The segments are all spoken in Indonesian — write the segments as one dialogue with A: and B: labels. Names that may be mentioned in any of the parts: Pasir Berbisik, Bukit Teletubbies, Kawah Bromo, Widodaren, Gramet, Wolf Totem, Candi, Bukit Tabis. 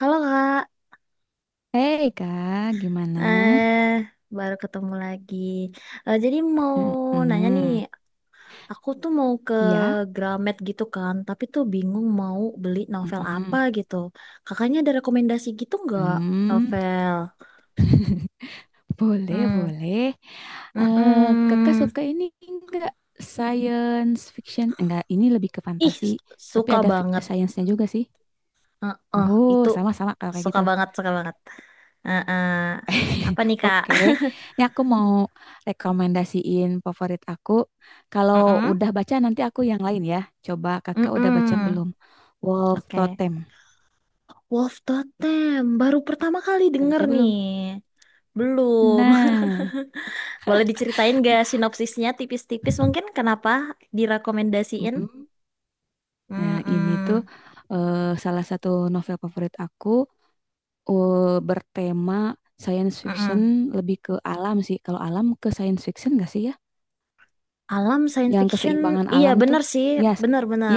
A: Halo Kak,
B: Hei kak, gimana?
A: eh baru ketemu lagi. Eh, jadi mau nanya nih,
B: Mm-mm.
A: aku tuh mau ke
B: Ya,
A: Gramet gitu kan, tapi tuh bingung mau beli novel apa
B: mm-mm.
A: gitu. Kakaknya ada rekomendasi gitu nggak
B: Hmm.
A: novel?
B: Boleh,
A: Hmm,
B: boleh. Eh, Kakak
A: mm-mm.
B: suka ini enggak science fiction? Enggak, ini lebih ke
A: Ih,
B: fantasi, tapi
A: suka
B: ada
A: banget.
B: science-nya juga sih.
A: Heeh,
B: Oh,
A: itu
B: sama-sama kalau kayak
A: suka
B: gitu.
A: banget, suka banget. Heeh. Apa nih Kak?
B: Oke, ini aku mau rekomendasiin favorit aku. Kalau
A: Mm-mm.
B: udah baca nanti aku yang lain ya. Coba kakak udah baca
A: Mm-mm.
B: belum? Wolf
A: Oke.
B: Totem.
A: Wolf Totem, baru pertama kali
B: Udah
A: denger
B: baca
A: nih.
B: belum?
A: Belum.
B: Nah,
A: Boleh diceritain gak sinopsisnya tipis-tipis mungkin kenapa direkomendasiin?
B: mm-mm. Nah, ini tuh
A: Mm-mm.
B: salah satu novel favorit aku, bertema science fiction
A: Mm-mm.
B: lebih ke alam sih. Kalau alam ke science fiction gak sih ya?
A: Alam science
B: Yang
A: fiction,
B: keseimbangan
A: iya
B: alam tuh.
A: bener sih,
B: Ya, s-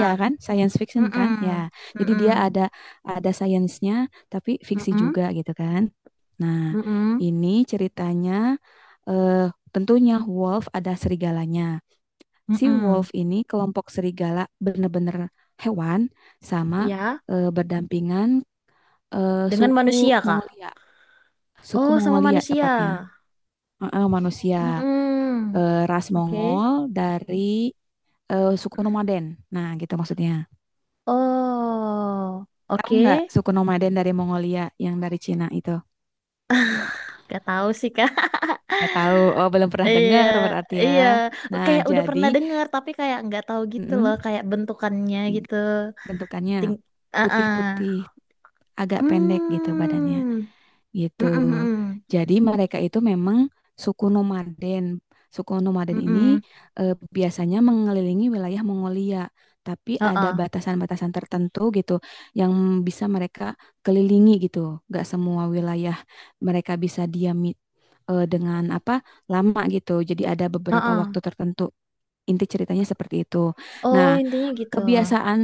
B: Ya kan? Science fiction
A: Mm-mm.
B: kan? Ya. Jadi
A: Mm-mm.
B: dia ada sainsnya tapi fiksi
A: Mm-mm.
B: juga gitu kan. Nah,
A: Mm-mm.
B: ini ceritanya eh tentunya wolf ada serigalanya. Si
A: Mm-mm.
B: wolf ini kelompok serigala bener-bener hewan sama,
A: Ya,
B: berdampingan, eh,
A: dengan
B: suku
A: manusia kah?
B: Mongolia, suku
A: Oh, sama
B: Mongolia
A: manusia.
B: tepatnya. Heeh, manusia,
A: Mm-mm.
B: ras
A: Oke.
B: Mongol dari, suku nomaden. Nah, gitu maksudnya.
A: Oh,
B: Tahu nggak
A: oke.
B: suku nomaden dari Mongolia yang dari Cina itu?
A: Gak tahu sih Kak.
B: Nggak tahu. Oh, belum pernah
A: Iya,
B: dengar berarti ya.
A: iya,
B: Nah,
A: kayak udah
B: jadi
A: pernah denger tapi kayak nggak tahu gitu loh,
B: mm,
A: kayak bentukannya gitu.
B: bentukannya
A: Ting, ah,
B: putih-putih
A: ah.
B: agak pendek gitu badannya
A: Hmm,
B: gitu.
A: mm mm mm
B: Jadi mereka itu memang suku nomaden. Suku
A: mm
B: nomaden ini,
A: mm.
B: biasanya mengelilingi wilayah Mongolia, tapi
A: Ah,
B: ada
A: ah.
B: batasan-batasan tertentu gitu yang bisa mereka kelilingi gitu. Gak semua wilayah mereka bisa diami, dengan apa lama gitu. Jadi ada
A: Ah,
B: beberapa waktu
A: ah.
B: tertentu. Inti ceritanya seperti itu.
A: Oh
B: Nah,
A: intinya gitu.
B: Kebiasaan,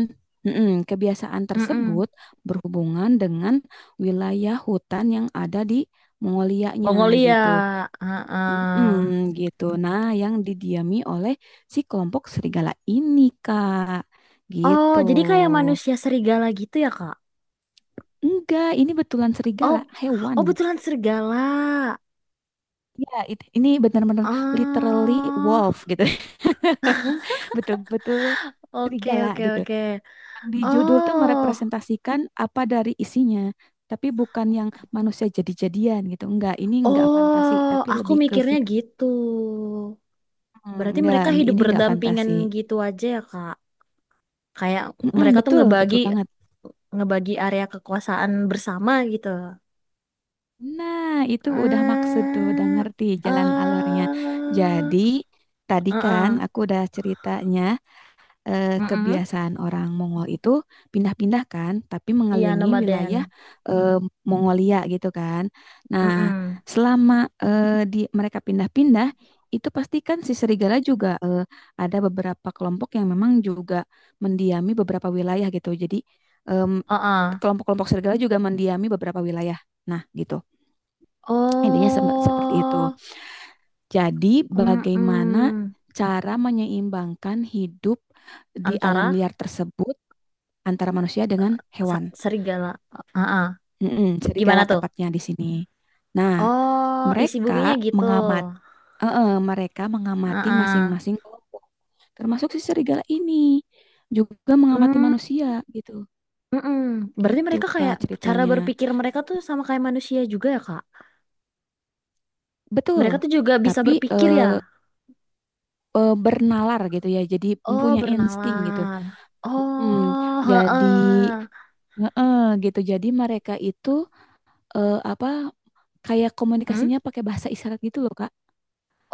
B: mm-mm, kebiasaan
A: Mm mm.
B: tersebut berhubungan dengan wilayah hutan yang ada di Mongolianya
A: Mongolia,
B: gitu.
A: ah, ah.
B: Mm-mm, gitu. Nah, yang didiami oleh si kelompok serigala ini, Kak.
A: Oh
B: Gitu.
A: jadi kayak manusia serigala gitu ya Kak?
B: Enggak, ini betulan serigala,
A: Oh,
B: hewan.
A: oh betulan serigala.
B: Ini benar-benar literally
A: Ah,
B: wolf gitu. Betul-betul
A: oke
B: serigala
A: oke
B: gitu.
A: oke.
B: Yang di judul tuh
A: Oh.
B: merepresentasikan apa dari isinya, tapi bukan yang manusia jadi-jadian gitu. Enggak, ini enggak fantasi,
A: Oh,
B: tapi
A: aku
B: lebih ke
A: mikirnya
B: fiksi.
A: gitu.
B: Hmm,
A: Berarti
B: enggak,
A: mereka hidup
B: ini enggak
A: berdampingan
B: fantasi.
A: gitu aja ya, Kak. Kayak
B: Mm-mm,
A: mereka tuh
B: betul,
A: ngebagi
B: betul banget.
A: ngebagi area kekuasaan bersama gitu.
B: Nah, itu udah maksud tuh, udah
A: Eh,
B: ngerti
A: eh,
B: jalan alurnya. Jadi, tadi
A: eh, eh.
B: kan aku udah ceritanya,
A: Mm-mm.
B: kebiasaan orang Mongol itu pindah-pindah kan, tapi
A: Iya,
B: mengelilingi
A: nomaden.
B: wilayah, eh, Mongolia gitu kan. Nah,
A: Mm-mm.
B: selama, di mereka pindah-pindah itu pastikan si serigala juga, ada beberapa kelompok yang memang juga mendiami beberapa wilayah gitu. Jadi, em,
A: Uh-uh.
B: kelompok-kelompok serigala juga mendiami beberapa wilayah. Nah, gitu. Intinya seperti itu.
A: Oh,
B: Jadi, bagaimana
A: mm-mm.
B: cara menyeimbangkan hidup di alam
A: Antara
B: liar tersebut antara manusia dengan hewan.
A: serigala. Uh-uh.
B: Mm-mm,
A: Gimana
B: serigala
A: tuh?
B: tepatnya di sini. Nah,
A: Oh, isi bukunya
B: mereka
A: gitu.
B: mengamati mereka mengamati
A: Heeh.
B: masing-masing kelompok. Termasuk si serigala ini juga mengamati manusia gitu.
A: Mm-mm. Berarti
B: Gitu
A: mereka
B: Kak
A: kayak cara
B: ceritanya.
A: berpikir mereka tuh sama kayak manusia juga ya, Kak? Mereka
B: Betul.
A: tuh juga bisa
B: Tapi,
A: berpikir ya.
B: bernalar gitu ya. Jadi
A: Oh,
B: punya insting gitu.
A: bernalar.
B: Hmm,
A: Oh,
B: jadi,
A: heeh.
B: gitu. Jadi mereka itu, apa kayak
A: Hmm?
B: komunikasinya pakai bahasa isyarat gitu loh Kak.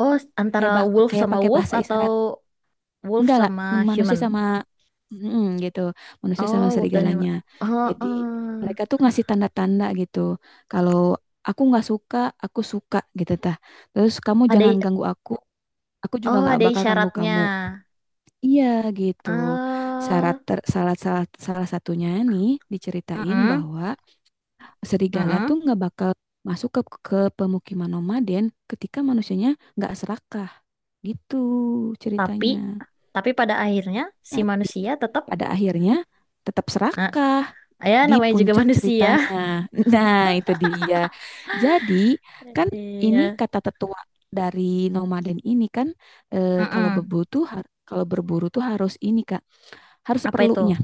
A: Oh, antara
B: kayak bak
A: wolf
B: kayak
A: sama
B: pakai
A: wolf
B: bahasa
A: atau
B: isyarat,
A: wolf
B: enggak,
A: sama
B: manusia
A: human?
B: sama gitu, manusia sama
A: Oh, wolf dan
B: serigalanya,
A: human.
B: jadi mereka
A: Heeh.
B: tuh ngasih tanda-tanda gitu, kalau aku nggak suka aku suka gitu tah, terus kamu
A: Ada
B: jangan
A: i-
B: ganggu aku juga
A: oh,
B: nggak
A: ada
B: bakal ganggu
A: isyaratnya.
B: kamu, iya gitu. syarat
A: Eh,
B: ter, salah salah salah satunya nih diceritain
A: mm-mm,
B: bahwa serigala tuh
A: mm-mm.
B: nggak bakal masuk ke pemukiman nomaden ketika manusianya nggak serakah gitu
A: Tapi
B: ceritanya.
A: tapi pada akhirnya si
B: Tapi
A: manusia tetap,
B: pada akhirnya tetap
A: ah,
B: serakah
A: ya
B: di
A: namanya juga
B: puncak
A: manusia.
B: ceritanya. Nah, itu dia. Jadi, kan ini
A: Iya.
B: kata tetua dari nomaden ini kan,
A: Mm-mm.
B: kalau berburu tuh harus ini Kak, harus
A: Apa itu?
B: seperlunya,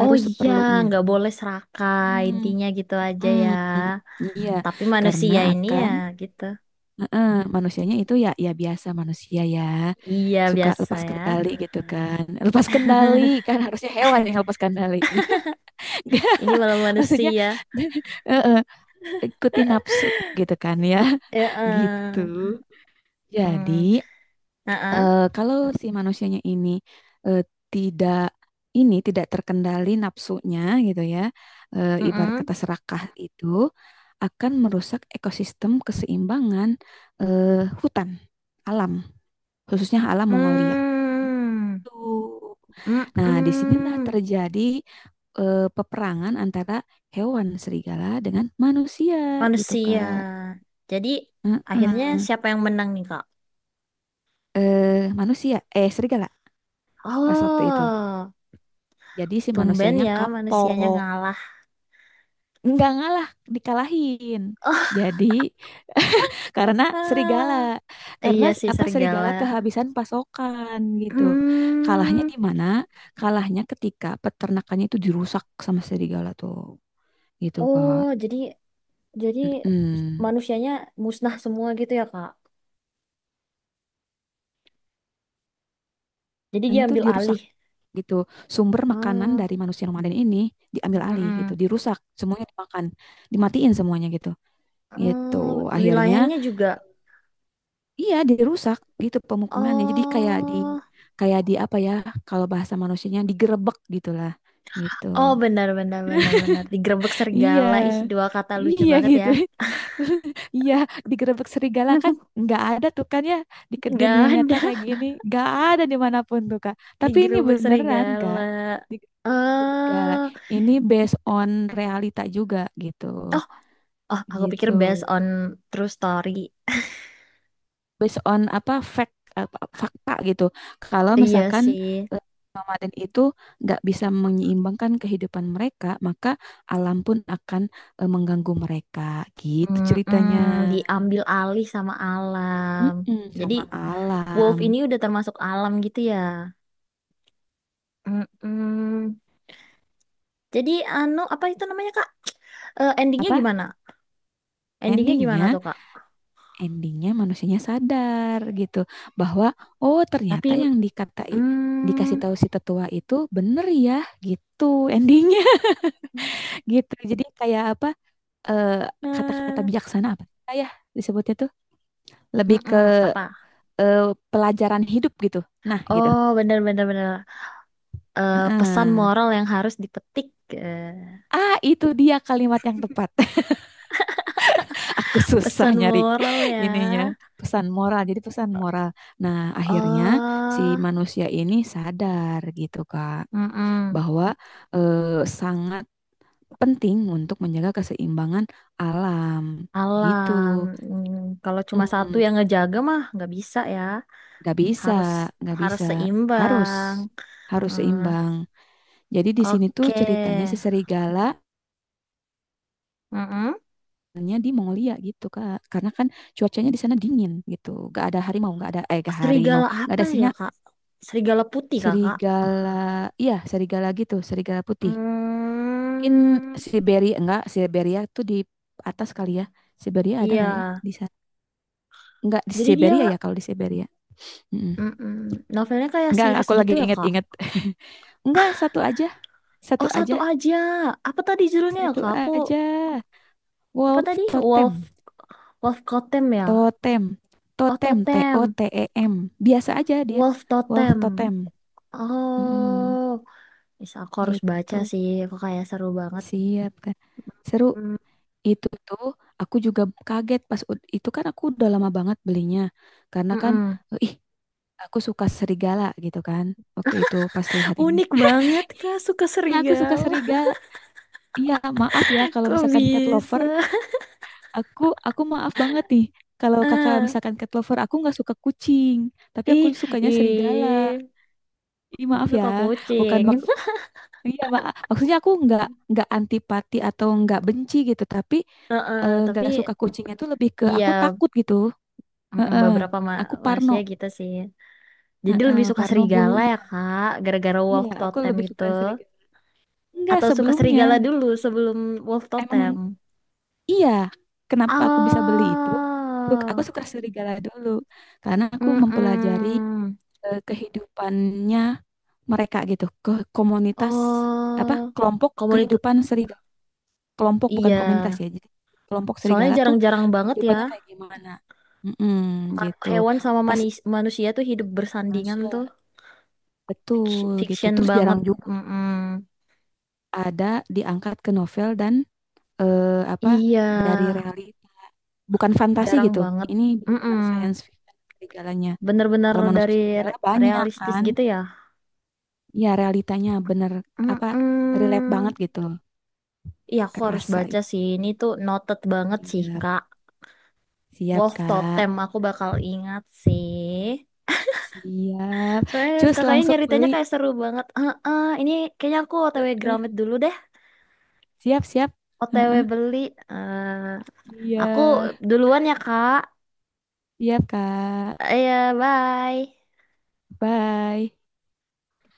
A: Oh iya,
B: seperlunya.
A: nggak boleh serakah.
B: Hmm.
A: Intinya gitu aja ya.
B: mm, Iya,
A: Tapi
B: karena
A: manusia ini ya
B: akan,
A: gitu.
B: manusianya itu ya, biasa manusia ya
A: Iya
B: suka
A: biasa
B: lepas
A: ya.
B: kendali gitu kan. Lepas kendali kan harusnya hewan yang lepas kendali.
A: Ini malah
B: Maksudnya,
A: manusia.
B: eh, eh, ikuti nafsu gitu kan ya.
A: Eh,
B: Gitu.
A: eh. Hmm.
B: Jadi,
A: Eh, eh.
B: kalau si manusianya ini, eh, tidak ini tidak terkendali nafsunya gitu ya. Ibarat
A: Mm-mm.
B: kata serakah itu akan merusak ekosistem keseimbangan, eh, hutan alam, khususnya alam Mongolia.
A: Mm.
B: Gitu. Nah, disinilah
A: Mm-mm.
B: terjadi, peperangan antara hewan serigala dengan manusia gitu
A: Manusia.
B: Kak.
A: Jadi akhirnya
B: Heeh.
A: siapa yang menang nih Kak?
B: Manusia, eh serigala pas waktu itu.
A: Oh,
B: Jadi si
A: tumben
B: manusianya
A: ya manusianya
B: kapok,
A: ngalah.
B: nggak ngalah, dikalahin. Jadi karena serigala,
A: Ah,
B: karena
A: iya sih
B: apa
A: serigala.
B: serigala kehabisan pasokan gitu. Kalahnya
A: Hmm.
B: di mana? Kalahnya ketika peternakannya itu dirusak sama serigala tuh, gitu
A: Oh,
B: Kak.
A: jadi
B: Mm-mm.
A: manusianya musnah semua gitu ya, Kak? Jadi dia
B: Makanannya tuh
A: ambil
B: dirusak
A: alih.
B: gitu. Sumber makanan
A: Oh,
B: dari manusia nomaden ini diambil alih gitu,
A: mm-mm.
B: dirusak, semuanya dimakan, dimatiin semuanya gitu. Gitu.
A: Oh,
B: Akhirnya
A: wilayahnya juga.
B: iya dirusak gitu pemukimannya. Jadi kayak di
A: Oh,
B: kayak di apa ya kalau bahasa manusianya digerebek gitulah. Gitu.
A: oh benar benar benar benar. Digerebek
B: Iya,
A: serigala. Ih, dua kata lucu
B: iya
A: banget ya.
B: gitu. Iya, digerebek serigala kan nggak ada tuh kan ya, di
A: Nggak
B: dunia nyata
A: ada
B: kayak gini, nggak ada dimanapun tuh Kak. Tapi ini
A: digerebek
B: beneran
A: serigala.
B: Kak, digerebek serigala.
A: Eh,
B: Ini based on realita juga gitu,
A: oh, oh, aku pikir
B: gitu.
A: based on true story.
B: Based on apa fact apa, fakta gitu. Kalau
A: Iya
B: misalkan,
A: sih.
B: eh, nomaden itu nggak bisa menyeimbangkan kehidupan mereka, maka alam pun akan, mengganggu mereka. Gitu
A: Mm-mm,
B: ceritanya.
A: diambil alih sama alam.
B: Mm-mm,
A: Jadi
B: sama
A: wolf
B: alam.
A: ini udah termasuk alam gitu ya. Mm-mm. Jadi anu apa itu namanya Kak? Eh, endingnya
B: Apa?
A: gimana? Endingnya gimana
B: Endingnya,
A: tuh Kak?
B: endingnya, manusianya sadar gitu bahwa, oh
A: Tapi,
B: ternyata yang dikatai dikasih
A: mm,
B: tahu si tetua itu bener ya, gitu endingnya, gitu. Jadi kayak apa? eh, Kata-kata
A: nah,
B: bijaksana apa ya disebutnya tuh lebih ke,
A: mm-mm, apa?
B: eh, pelajaran hidup gitu. Nah, gitu.
A: Oh bener-bener bener. Bener, bener. Eh, pesan
B: Heeh.
A: moral yang harus dipetik. Eh,
B: Ah, itu dia kalimat yang tepat. Aku susah
A: pesan
B: nyari
A: moral ya.
B: ininya, pesan moral. Jadi pesan moral. Nah, akhirnya si
A: Oh.
B: manusia ini sadar gitu, Kak,
A: Mm-mm.
B: bahwa, sangat penting untuk menjaga keseimbangan alam. Begitu.
A: Alam, kalau cuma satu
B: Hmm,
A: yang ngejaga mah nggak bisa ya.
B: nggak bisa,
A: Harus
B: gak
A: harus
B: bisa. Harus,
A: seimbang.
B: harus
A: Hmm,
B: seimbang. Jadi di sini tuh
A: oke.
B: ceritanya si serigala
A: Mm-mm.
B: nya di Mongolia gitu Kak. Karena kan cuacanya di sana dingin gitu. Gak ada harimau, gak ada gak harimau,
A: Serigala
B: gak
A: apa
B: ada singa,
A: ya Kak? Serigala putih Kakak.
B: serigala. Iya, serigala gitu, serigala putih. Mungkin
A: Hmm,
B: Siberia enggak, Siberia tuh di atas kali ya. Siberia ada nggak ya
A: iya.
B: di sana? Enggak di
A: Jadi dia
B: Siberia ya kalau di Siberia. Mm-mm.
A: mm-mm, novelnya kayak
B: Enggak,
A: series
B: aku
A: gitu
B: lagi
A: ya Kak?
B: inget-inget. Enggak, satu aja. Satu
A: Oh satu
B: aja.
A: aja. Apa tadi judulnya ya
B: Satu
A: Kak? Aku
B: aja.
A: apa
B: Wolf
A: tadi? Wolf
B: totem.
A: Wolf Totem ya?
B: Totem,
A: Oh
B: totem, T O
A: Totem.
B: T E M. Biasa aja dia.
A: Wolf
B: Wolf
A: Totem.
B: totem. Mm-mm,
A: Oh. Is aku harus baca
B: gitu.
A: sih, kok kayak seru banget.
B: Siap kan. Seru
A: Hmm,
B: itu tuh aku juga kaget pas itu kan aku udah lama banget belinya. Karena kan,
A: mm-mm.
B: ih, aku suka serigala gitu kan. Waktu itu pas lihat ini.
A: Unik banget Kak, suka
B: ya aku suka
A: serigala.
B: serigala. Iya, maaf ya kalau
A: Kok
B: misalkan cat lover,
A: bisa?
B: aku aku maaf banget nih. Kalau kakak
A: Ah,
B: misalkan cat lover, aku nggak suka kucing, tapi aku
A: ih,
B: sukanya serigala.
A: ih,
B: Ih,
A: aku
B: maaf ya,
A: suka
B: bukan
A: kucing.
B: mak iya mak. Maksudnya aku nggak antipati atau nggak benci gitu, tapi,
A: Heeh, tapi
B: nggak suka kucingnya tuh lebih ke aku
A: iya,
B: takut gitu. Heeh.
A: beberapa
B: Aku Parno.
A: manusia gitu sih. Jadi
B: Heeh,
A: lebih suka
B: Parno
A: serigala
B: bulunya.
A: ya Kak, gara-gara
B: Iya,
A: wolf
B: aku
A: totem
B: lebih
A: itu.
B: suka serigala. Enggak
A: Atau suka
B: sebelumnya,
A: serigala dulu sebelum wolf totem?
B: emang iya. Kenapa aku bisa beli itu? Tuh, aku
A: Oh,
B: suka serigala dulu karena aku mempelajari,
A: mm-mm.
B: kehidupannya mereka gitu, ke komunitas apa
A: Oh,
B: kelompok
A: komunitas.
B: kehidupan serigala, kelompok bukan
A: Iya,
B: komunitas ya. Jadi kelompok
A: soalnya
B: serigala tuh
A: jarang-jarang banget ya,
B: kehidupannya kayak gimana? Mm-mm, gitu.
A: hewan sama
B: Pas
A: manusia tuh hidup bersandingan tuh.
B: Malaysia betul gitu.
A: Fiction
B: Terus
A: banget.
B: jarang juga
A: Mm-mm.
B: ada diangkat ke novel dan, apa
A: Iya,
B: dari realita. Bukan fantasi
A: jarang
B: gitu.
A: banget.
B: Ini
A: Mm-mm.
B: benar-benar science fiction serigalanya.
A: Bener-bener
B: Kalau manusia
A: dari
B: serigala banyak
A: realistis
B: kan,
A: gitu ya.
B: ya realitanya bener apa relate
A: Mm-mm.
B: banget gitu.
A: Iya, aku harus
B: Kerasa
A: baca
B: ya.
A: sih. Ini tuh noted banget sih,
B: Siap,
A: Kak.
B: siap
A: Wolf
B: Kak.
A: Totem, aku bakal ingat sih.
B: Siap.
A: Soalnya
B: Cus
A: kakaknya
B: langsung
A: nyeritanya
B: beli.
A: kayak seru banget. Heeh, ini kayaknya aku OTW Gramet dulu deh.
B: Siap, siap.
A: OTW
B: Heeh.
A: beli. Eh,
B: Iya,
A: aku duluan ya, Kak.
B: siap, Kak.
A: Eh, ya, bye.
B: Bye.